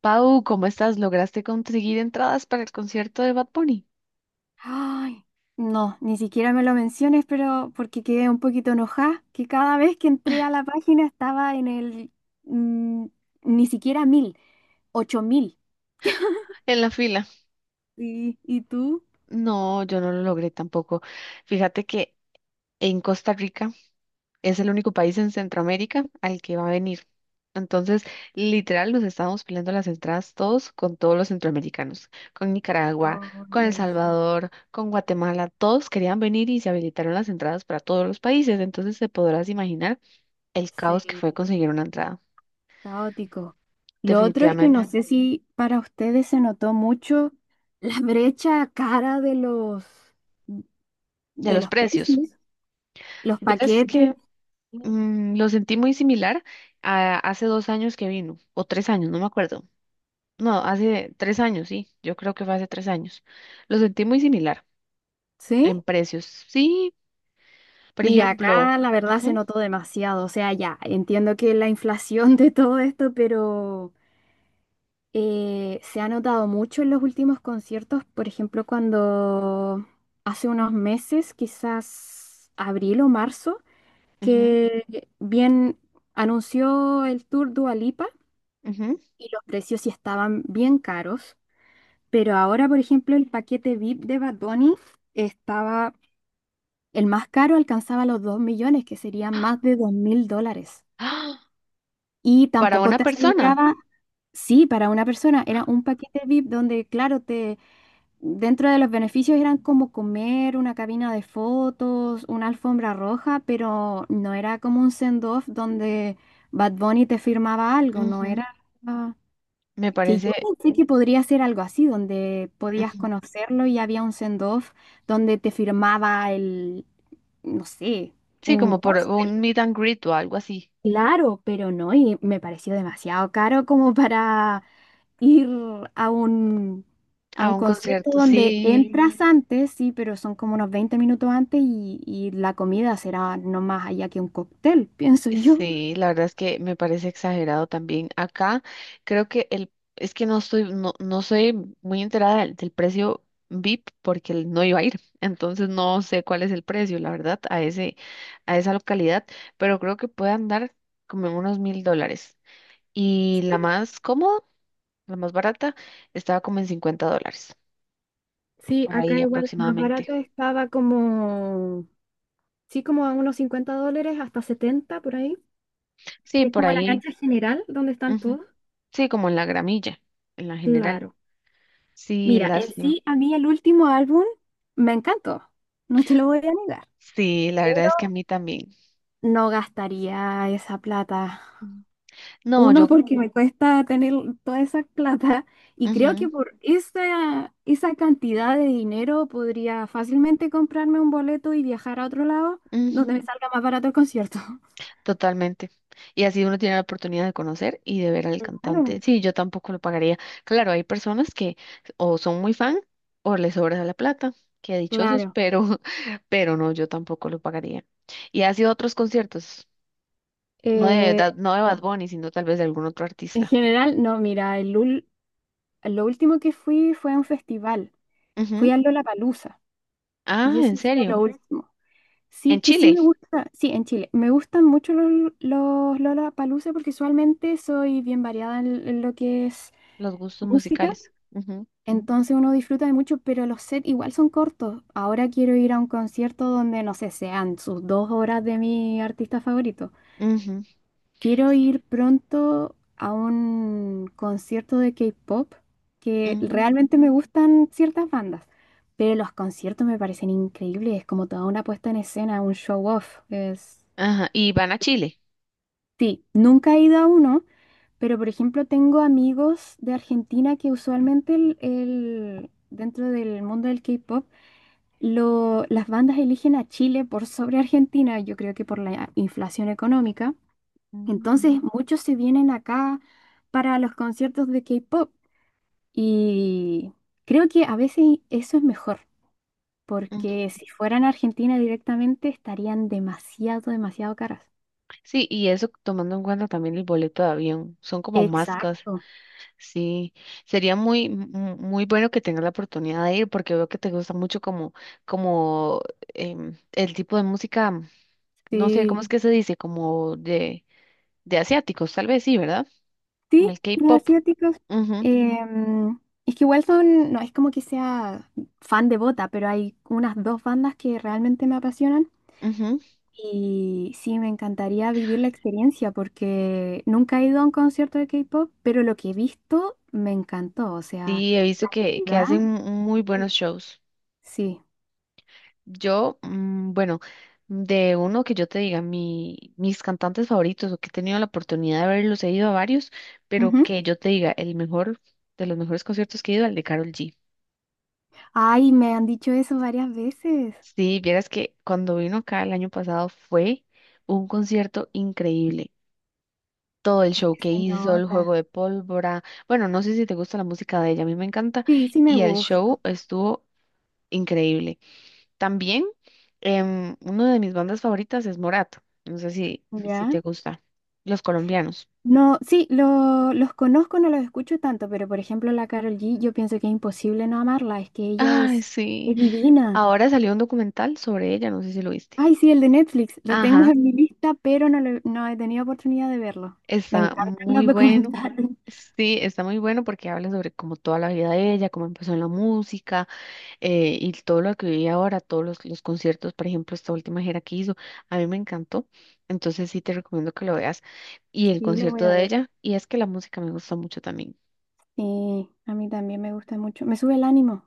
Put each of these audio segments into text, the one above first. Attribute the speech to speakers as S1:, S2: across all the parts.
S1: Pau, ¿cómo estás? ¿Lograste conseguir entradas para el concierto de Bad Bunny?
S2: Ay, no, ni siquiera me lo menciones, pero porque quedé un poquito enojada, que cada vez que entré a la página estaba en el mm, ni siquiera mil, ocho mil.
S1: En la fila.
S2: ¿Y tú?
S1: No, yo no lo logré tampoco. Fíjate que en Costa Rica es el único país en Centroamérica al que va a venir. Entonces, literal, nos estábamos peleando las entradas todos con todos los centroamericanos, con Nicaragua,
S2: No,
S1: con
S2: me
S1: El
S2: imagino.
S1: Salvador, con Guatemala. Todos querían venir y se habilitaron las entradas para todos los países. Entonces, te podrás imaginar el caos que
S2: Sí,
S1: fue conseguir una entrada,
S2: caótico. Lo otro es que no
S1: definitivamente,
S2: sé si para ustedes se notó mucho la brecha cara de los
S1: de
S2: de
S1: los
S2: los
S1: precios.
S2: precios, los
S1: Verás
S2: paquetes,
S1: que lo sentí muy similar a hace 2 años que vino, o 3 años, no me acuerdo. No, hace 3 años, sí, yo creo que fue hace 3 años. Lo sentí muy similar
S2: ¿sí?
S1: en precios. Sí, por
S2: Mira,
S1: ejemplo.
S2: acá la verdad se
S1: Ujú.
S2: notó demasiado, o sea, ya entiendo que la inflación de todo esto, pero se ha notado mucho en los últimos conciertos, por ejemplo, cuando hace unos meses, quizás abril o marzo,
S1: Ujú.
S2: que bien anunció el tour Dua Lipa
S1: Ujú.
S2: y los precios sí estaban bien caros, pero ahora, por ejemplo, el paquete VIP de Bad Bunny estaba, el más caro alcanzaba los 2 millones, que serían más de $2.000.
S1: ¡Ah!
S2: Y
S1: Para
S2: tampoco
S1: una
S2: te
S1: persona.
S2: aseguraba, sí, para una persona era un paquete VIP donde, claro, te, dentro de los beneficios eran como comer, una cabina de fotos, una alfombra roja, pero no era como un send-off donde Bad Bunny te firmaba algo, no
S1: Ujú.
S2: era... ah,
S1: Me
S2: que yo
S1: parece.
S2: pensé que podría ser algo así, donde podías
S1: Ujú.
S2: conocerlo y había un send-off donde te firmaba el, no sé,
S1: Sí,
S2: un
S1: como por
S2: póster.
S1: un meet and greet o algo así,
S2: Claro, pero no, y me pareció demasiado caro como para ir a un, a un
S1: a un
S2: concierto
S1: concierto,
S2: donde
S1: sí.
S2: entras antes, sí, pero son como unos 20 minutos antes y la comida será no más allá que un cóctel, pienso yo.
S1: Sí, la verdad es que me parece exagerado también. Acá creo que el, es que no estoy, no soy muy enterada del precio VIP porque no iba a ir. Entonces no sé cuál es el precio, la verdad, a esa localidad, pero creo que puede andar como en unos $1000. Y la más cómoda, la más barata, estaba como en $50,
S2: Sí,
S1: por
S2: acá
S1: ahí
S2: igual, la más
S1: aproximadamente.
S2: barata estaba como, sí, como a unos $50 hasta 70 por ahí,
S1: Sí,
S2: que es
S1: por
S2: como la
S1: ahí.
S2: cancha general donde están
S1: Ujú.
S2: todos.
S1: Sí, como en la gramilla, en la general.
S2: Claro.
S1: Sí,
S2: Mira, en
S1: lástima.
S2: sí, a mí el último álbum me encantó, no te lo voy a negar.
S1: Sí, la verdad es que a mí también.
S2: No gastaría esa plata.
S1: Mm. No,
S2: Uno,
S1: yo,
S2: porque me cuesta tener toda esa plata y creo
S1: ujú,
S2: que por esa cantidad de dinero podría fácilmente comprarme un boleto y viajar a otro lado donde
S1: ujú,
S2: me salga más barato el concierto.
S1: totalmente. Y así uno tiene la oportunidad de conocer y de ver al cantante.
S2: Claro,
S1: Sí, yo tampoco lo pagaría. Claro, hay personas que o son muy fan o les sobra la plata, qué dichosos,
S2: claro.
S1: pero, pero no, yo tampoco lo pagaría. Y ha sido otros conciertos,
S2: Eh,
S1: No de Bad
S2: no.
S1: Bunny, sino tal vez de algún otro
S2: En
S1: artista.
S2: general, no, mira, lo último que fui fue a un festival.
S1: Ujú.
S2: Fui a Lollapalooza y
S1: Ah, ¿en
S2: eso ha sido
S1: serio?
S2: lo último. Sí,
S1: En
S2: que sí
S1: Chile,
S2: me gusta, sí, en Chile, me gustan mucho los Lollapalooza porque usualmente soy bien variada en lo que es
S1: los gustos
S2: música,
S1: musicales. Ujú,
S2: entonces uno disfruta de mucho, pero los sets igual son cortos. Ahora quiero ir a un concierto donde, no sé, sean sus 2 horas de mi artista favorito.
S1: ujú,
S2: Quiero ir pronto a un concierto de K-pop, que
S1: ujú.
S2: realmente me gustan ciertas bandas. Pero los conciertos me parecen increíbles, es como toda una puesta en escena, un show off. Es.
S1: Ajá, y van a Chile.
S2: Sí, nunca he ido a uno, pero por ejemplo tengo amigos de Argentina que usualmente dentro del mundo del K-pop, las bandas eligen a Chile por sobre Argentina, yo creo que por la inflación económica.
S1: Mm,
S2: Entonces. Ujú. Muchos se vienen acá para los conciertos de K-pop y creo que a veces eso es mejor,
S1: mm.
S2: porque si fueran a Argentina directamente estarían demasiado, demasiado caras.
S1: Sí, y eso tomando en cuenta también el boleto de avión, son como máscas,
S2: Exacto,
S1: sí, sería muy bueno que tengas la oportunidad de ir porque veo que te gusta mucho como, como el tipo de música, no sé, ¿cómo
S2: sí.
S1: es que se dice? Como de, asiáticos, tal vez sí, ¿verdad? Como
S2: Sí,
S1: el
S2: los
S1: K-pop.
S2: asiáticos.
S1: Ujú,
S2: em, es que igual son, no es como que sea fan de Bota, pero hay unas dos bandas que realmente me apasionan
S1: ujú.
S2: y sí, me encantaría vivir la experiencia porque nunca he ido a un concierto de K-pop, pero lo que he visto me encantó, o sea,
S1: Sí, he visto que
S2: ¿verdad?
S1: hacen muy buenos shows.
S2: Sí.
S1: Yo, bueno, de uno que yo te diga, mis cantantes favoritos o que he tenido la oportunidad de verlos, he ido a varios, pero
S2: Ujú.
S1: que yo te diga, el mejor de los mejores conciertos que he ido, el de Karol G.
S2: Ay, me han dicho eso varias veces.
S1: Sí, vieras que cuando vino acá el año pasado fue un concierto increíble. Todo el
S2: Es
S1: show
S2: que
S1: que
S2: se
S1: hizo, el juego
S2: nota.
S1: de pólvora. Bueno, no sé si te gusta la música de ella, a mí me encanta.
S2: Sí, sí me
S1: Y el
S2: gusta.
S1: show estuvo increíble. También, una de mis bandas favoritas es Morato. No sé si
S2: ¿Ya?
S1: te gusta. Los colombianos.
S2: No, sí, los conozco, no los escucho tanto, pero por ejemplo la Carol G, yo pienso que es imposible no amarla, es que ella
S1: Ay,
S2: es,
S1: sí.
S2: es divina.
S1: Ahora salió un documental sobre ella, no sé si lo viste.
S2: Ay, sí, el de Netflix, lo tengo
S1: Ajá,
S2: en mi lista, pero no, no he tenido oportunidad de verlo. Me
S1: está
S2: encantan
S1: muy
S2: los
S1: bueno.
S2: documentales.
S1: Sí, está muy bueno porque habla sobre como toda la vida de ella, cómo empezó en la música y todo lo que vive ahora, todos los conciertos, por ejemplo, esta última gira que hizo, a mí me encantó, entonces sí te recomiendo que lo veas y el
S2: Sí, lo voy
S1: concierto
S2: a
S1: de
S2: ver.
S1: ella, y es que la música me gusta mucho también.
S2: Sí, a mí también me gusta mucho. Me sube el ánimo.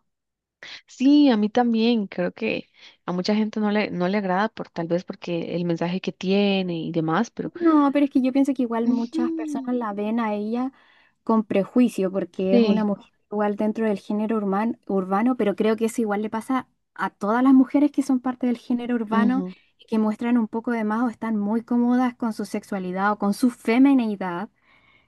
S1: Sí, a mí también. Creo que a mucha gente no le agrada por tal vez porque el mensaje que tiene y demás, pero
S2: No, pero es que yo pienso que igual muchas
S1: ujú,
S2: personas la ven a ella con prejuicio, porque es una
S1: sí,
S2: mujer igual dentro del género urbano, pero creo que eso igual le pasa a todas las mujeres que son parte del género urbano
S1: ujú.
S2: y que muestran un poco de más o están muy cómodas con su sexualidad o con su femineidad.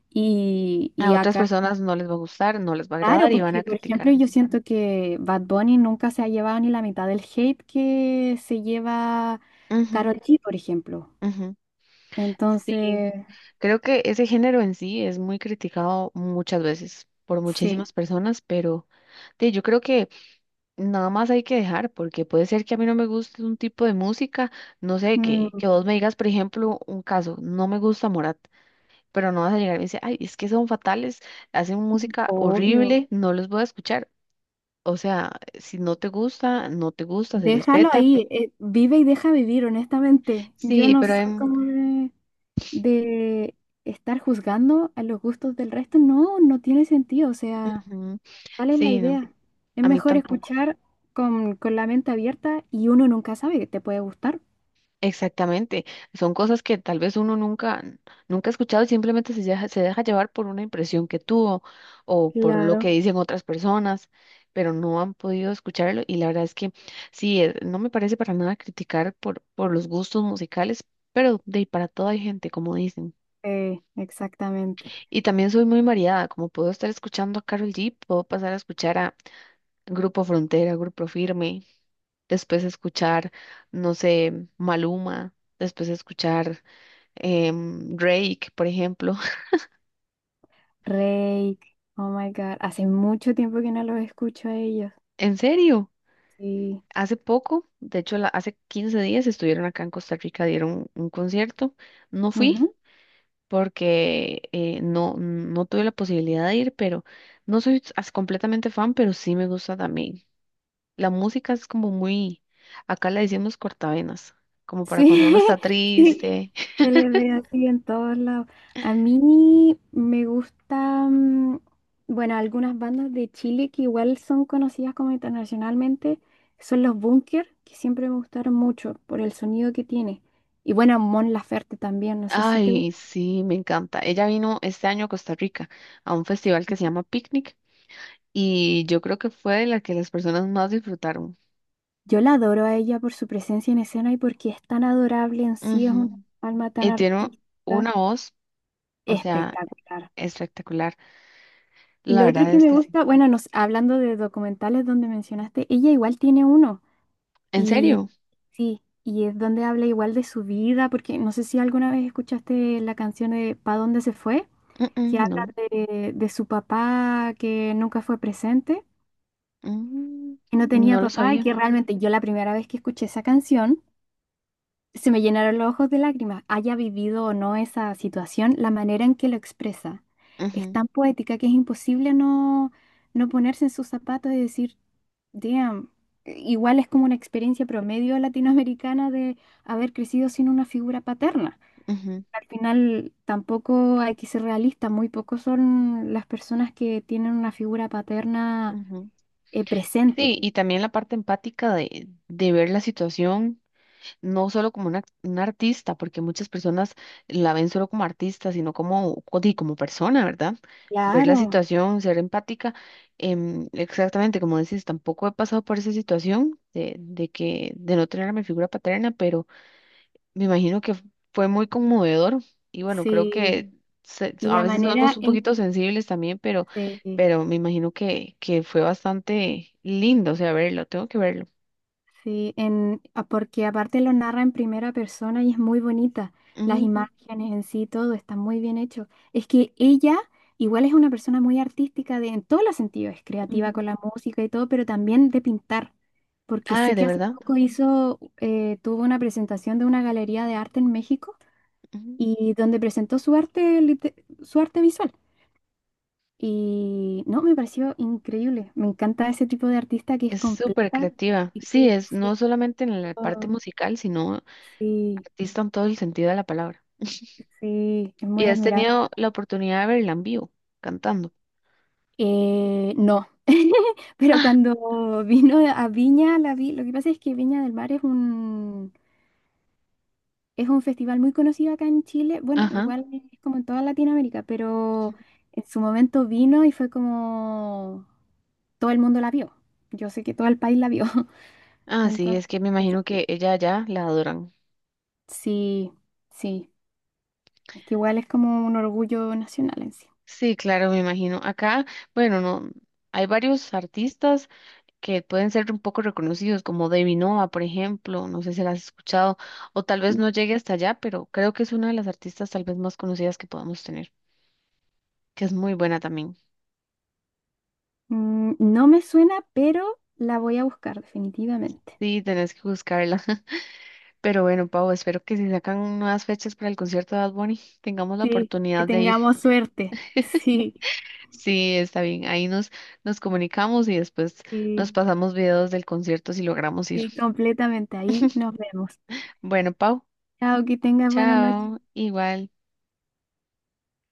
S2: Y,
S1: A
S2: y
S1: otras
S2: acá,
S1: personas no les va a gustar, no les va a
S2: claro,
S1: agradar y van a
S2: porque por ejemplo
S1: criticar.
S2: yo siento que Bad Bunny nunca se ha llevado ni la mitad del hate que se lleva
S1: Ujú,
S2: Karol G, por ejemplo.
S1: ujú. Sí,
S2: Entonces,
S1: creo que ese género en sí es muy criticado muchas veces por
S2: sí.
S1: muchísimas personas, pero sí, yo creo que nada más hay que dejar, porque puede ser que a mí no me guste un tipo de música, no sé, que
S2: Mm,
S1: vos me digas, por ejemplo, un caso, no me gusta Morat, pero no vas a llegar y me dice, ay, es que son fatales, hacen música
S2: obvio.
S1: horrible, no los voy a escuchar. O sea, si no te gusta, no te gusta, se
S2: Déjalo
S1: respeta.
S2: ahí, vive y deja vivir, honestamente. Yo
S1: Sí,
S2: no
S1: pero
S2: soy como de, estar juzgando a los gustos del resto. No, no tiene sentido. O sea,
S1: ujú,
S2: ¿cuál es la
S1: sí, no,
S2: idea? Es
S1: a mí
S2: mejor
S1: tampoco.
S2: escuchar con la mente abierta y uno nunca sabe que te puede gustar.
S1: Exactamente, son cosas que tal vez uno nunca, nunca ha escuchado y simplemente se deja llevar por una impresión que tuvo o por lo que
S2: Claro.
S1: dicen otras personas, pero no han podido escucharlo y la verdad es que sí, no me parece para nada criticar por los gustos musicales, pero de ahí para todo hay gente, como dicen.
S2: Exactamente.
S1: Y también soy muy variada, como puedo estar escuchando a Karol G, puedo pasar a escuchar a Grupo Frontera, Grupo Firme, después escuchar, no sé, Maluma, después escuchar Drake, por ejemplo.
S2: Rey, oh my God, hace mucho tiempo que no los escucho a ellos.
S1: En serio,
S2: Sí.
S1: hace poco, de hecho hace 15 días estuvieron acá en Costa Rica, dieron un concierto. No fui
S2: Ujú.
S1: porque no tuve la posibilidad de ir, pero no soy completamente fan, pero sí me gusta también. La música es como muy, acá le decimos cortavenas, como para cuando
S2: Sí,
S1: uno está
S2: sí,
S1: triste.
S2: se les ve así en todos lados. A mí me gustan, bueno, algunas bandas de Chile que igual son conocidas como internacionalmente, son los Bunker, que siempre me gustaron mucho por el sonido que tiene. Y bueno, Mon Laferte también, no sé si te
S1: Ay,
S2: gusta.
S1: sí, me encanta. Ella vino este año a Costa Rica a un festival que se llama Picnic y yo creo que fue la que las personas más disfrutaron.
S2: Yo la adoro a ella por su presencia en escena y porque es tan adorable en sí, es una
S1: Ujú.
S2: alma tan
S1: Y tiene
S2: artística,
S1: una voz, o sea,
S2: espectacular.
S1: espectacular.
S2: Y
S1: La
S2: lo otro
S1: verdad
S2: que
S1: es
S2: me
S1: que sí.
S2: gusta, bueno, hablando de documentales donde mencionaste, ella igual tiene uno.
S1: ¿En
S2: Y
S1: serio?
S2: sí, y es donde habla igual de su vida, porque no sé si alguna vez escuchaste la canción de ¿Pa dónde se fue?,
S1: Mm,
S2: que
S1: mm,
S2: habla
S1: no.
S2: de su papá que nunca fue presente,
S1: Mm,
S2: que no tenía
S1: no lo
S2: papá y
S1: sabía.
S2: que realmente yo la primera vez que escuché esa canción se me llenaron los ojos de lágrimas, haya vivido o no esa situación, la manera en que lo expresa es
S1: Ujú,
S2: tan poética que es imposible no ponerse en sus zapatos y decir, damn, igual es como una experiencia promedio latinoamericana de haber crecido sin una figura paterna.
S1: ujú,
S2: Al final tampoco hay que ser realista, muy pocos son las personas que tienen una figura paterna
S1: ujú. Sí,
S2: presente.
S1: y también la parte empática de ver la situación no solo como una artista, porque muchas personas la ven solo como artista, sino como persona, ¿verdad? Ver la
S2: Claro,
S1: situación, ser empática. Exactamente, como decís, tampoco he pasado por esa situación de no tener a mi figura paterna, pero me imagino que fue muy conmovedor. Y bueno, creo
S2: sí.
S1: que
S2: Y
S1: a
S2: la
S1: veces somos
S2: manera
S1: un
S2: en
S1: poquito sensibles también, pero,
S2: que...
S1: pero me imagino que fue bastante lindo, o sea, verlo, tengo que verlo.
S2: Sí, porque aparte lo narra en primera persona y es muy bonita. Las
S1: Ujú,
S2: imágenes en sí, todo está muy bien hecho. Es que ella igual es una persona muy artística de, en todos los sentidos, es creativa
S1: ujú.
S2: con la música y todo, pero también de pintar, porque sé
S1: Ay, de
S2: que hace
S1: verdad.
S2: poco hizo, tuvo una presentación de una galería de arte en México y donde presentó su arte, su arte visual. Y no, me pareció increíble. Me encanta ese tipo de artista que es
S1: Es súper
S2: completa.
S1: creativa.
S2: y
S1: Sí,
S2: que-
S1: es
S2: sí,
S1: no solamente en la parte musical, sino
S2: sí,
S1: artista en todo el sentido de la palabra.
S2: sí, es
S1: ¿Y
S2: muy
S1: has
S2: admirable.
S1: tenido la oportunidad de verla en vivo, cantando?
S2: No, pero
S1: Ah,
S2: cuando vino a Viña, la vi, lo que pasa es que Viña del Mar es es un festival muy conocido acá en Chile, bueno,
S1: ajá.
S2: igual es como en toda Latinoamérica, pero en su momento vino y fue como todo el mundo la vio, yo sé que todo el país la vio,
S1: Ah, sí,
S2: entonces,
S1: es que me
S2: eso.
S1: imagino que ella ya la adoran.
S2: Sí, sí, es que igual es como un orgullo nacional en sí.
S1: Sí, claro, me imagino. Acá, bueno, no, hay varios artistas que pueden ser un poco reconocidos, como Debbie Nova, por ejemplo, no sé si la has escuchado, o tal vez no llegue hasta allá, pero creo que es una de las artistas tal vez más conocidas que podamos tener, que es muy buena también.
S2: Mm, no me suena, pero la voy a buscar definitivamente.
S1: Sí, tenés que buscarla. Pero bueno, Pau, espero que si sacan nuevas fechas para el concierto de Bad Bunny, tengamos la
S2: Sí, que
S1: oportunidad de ir.
S2: tengamos suerte. Sí,
S1: Sí, está bien. Ahí nos, comunicamos y después
S2: sí,
S1: nos pasamos videos del concierto si logramos ir.
S2: sí, completamente. Ahí nos vemos.
S1: Bueno, Pau,
S2: Chao, que tengas buena noche.
S1: chao. Igual.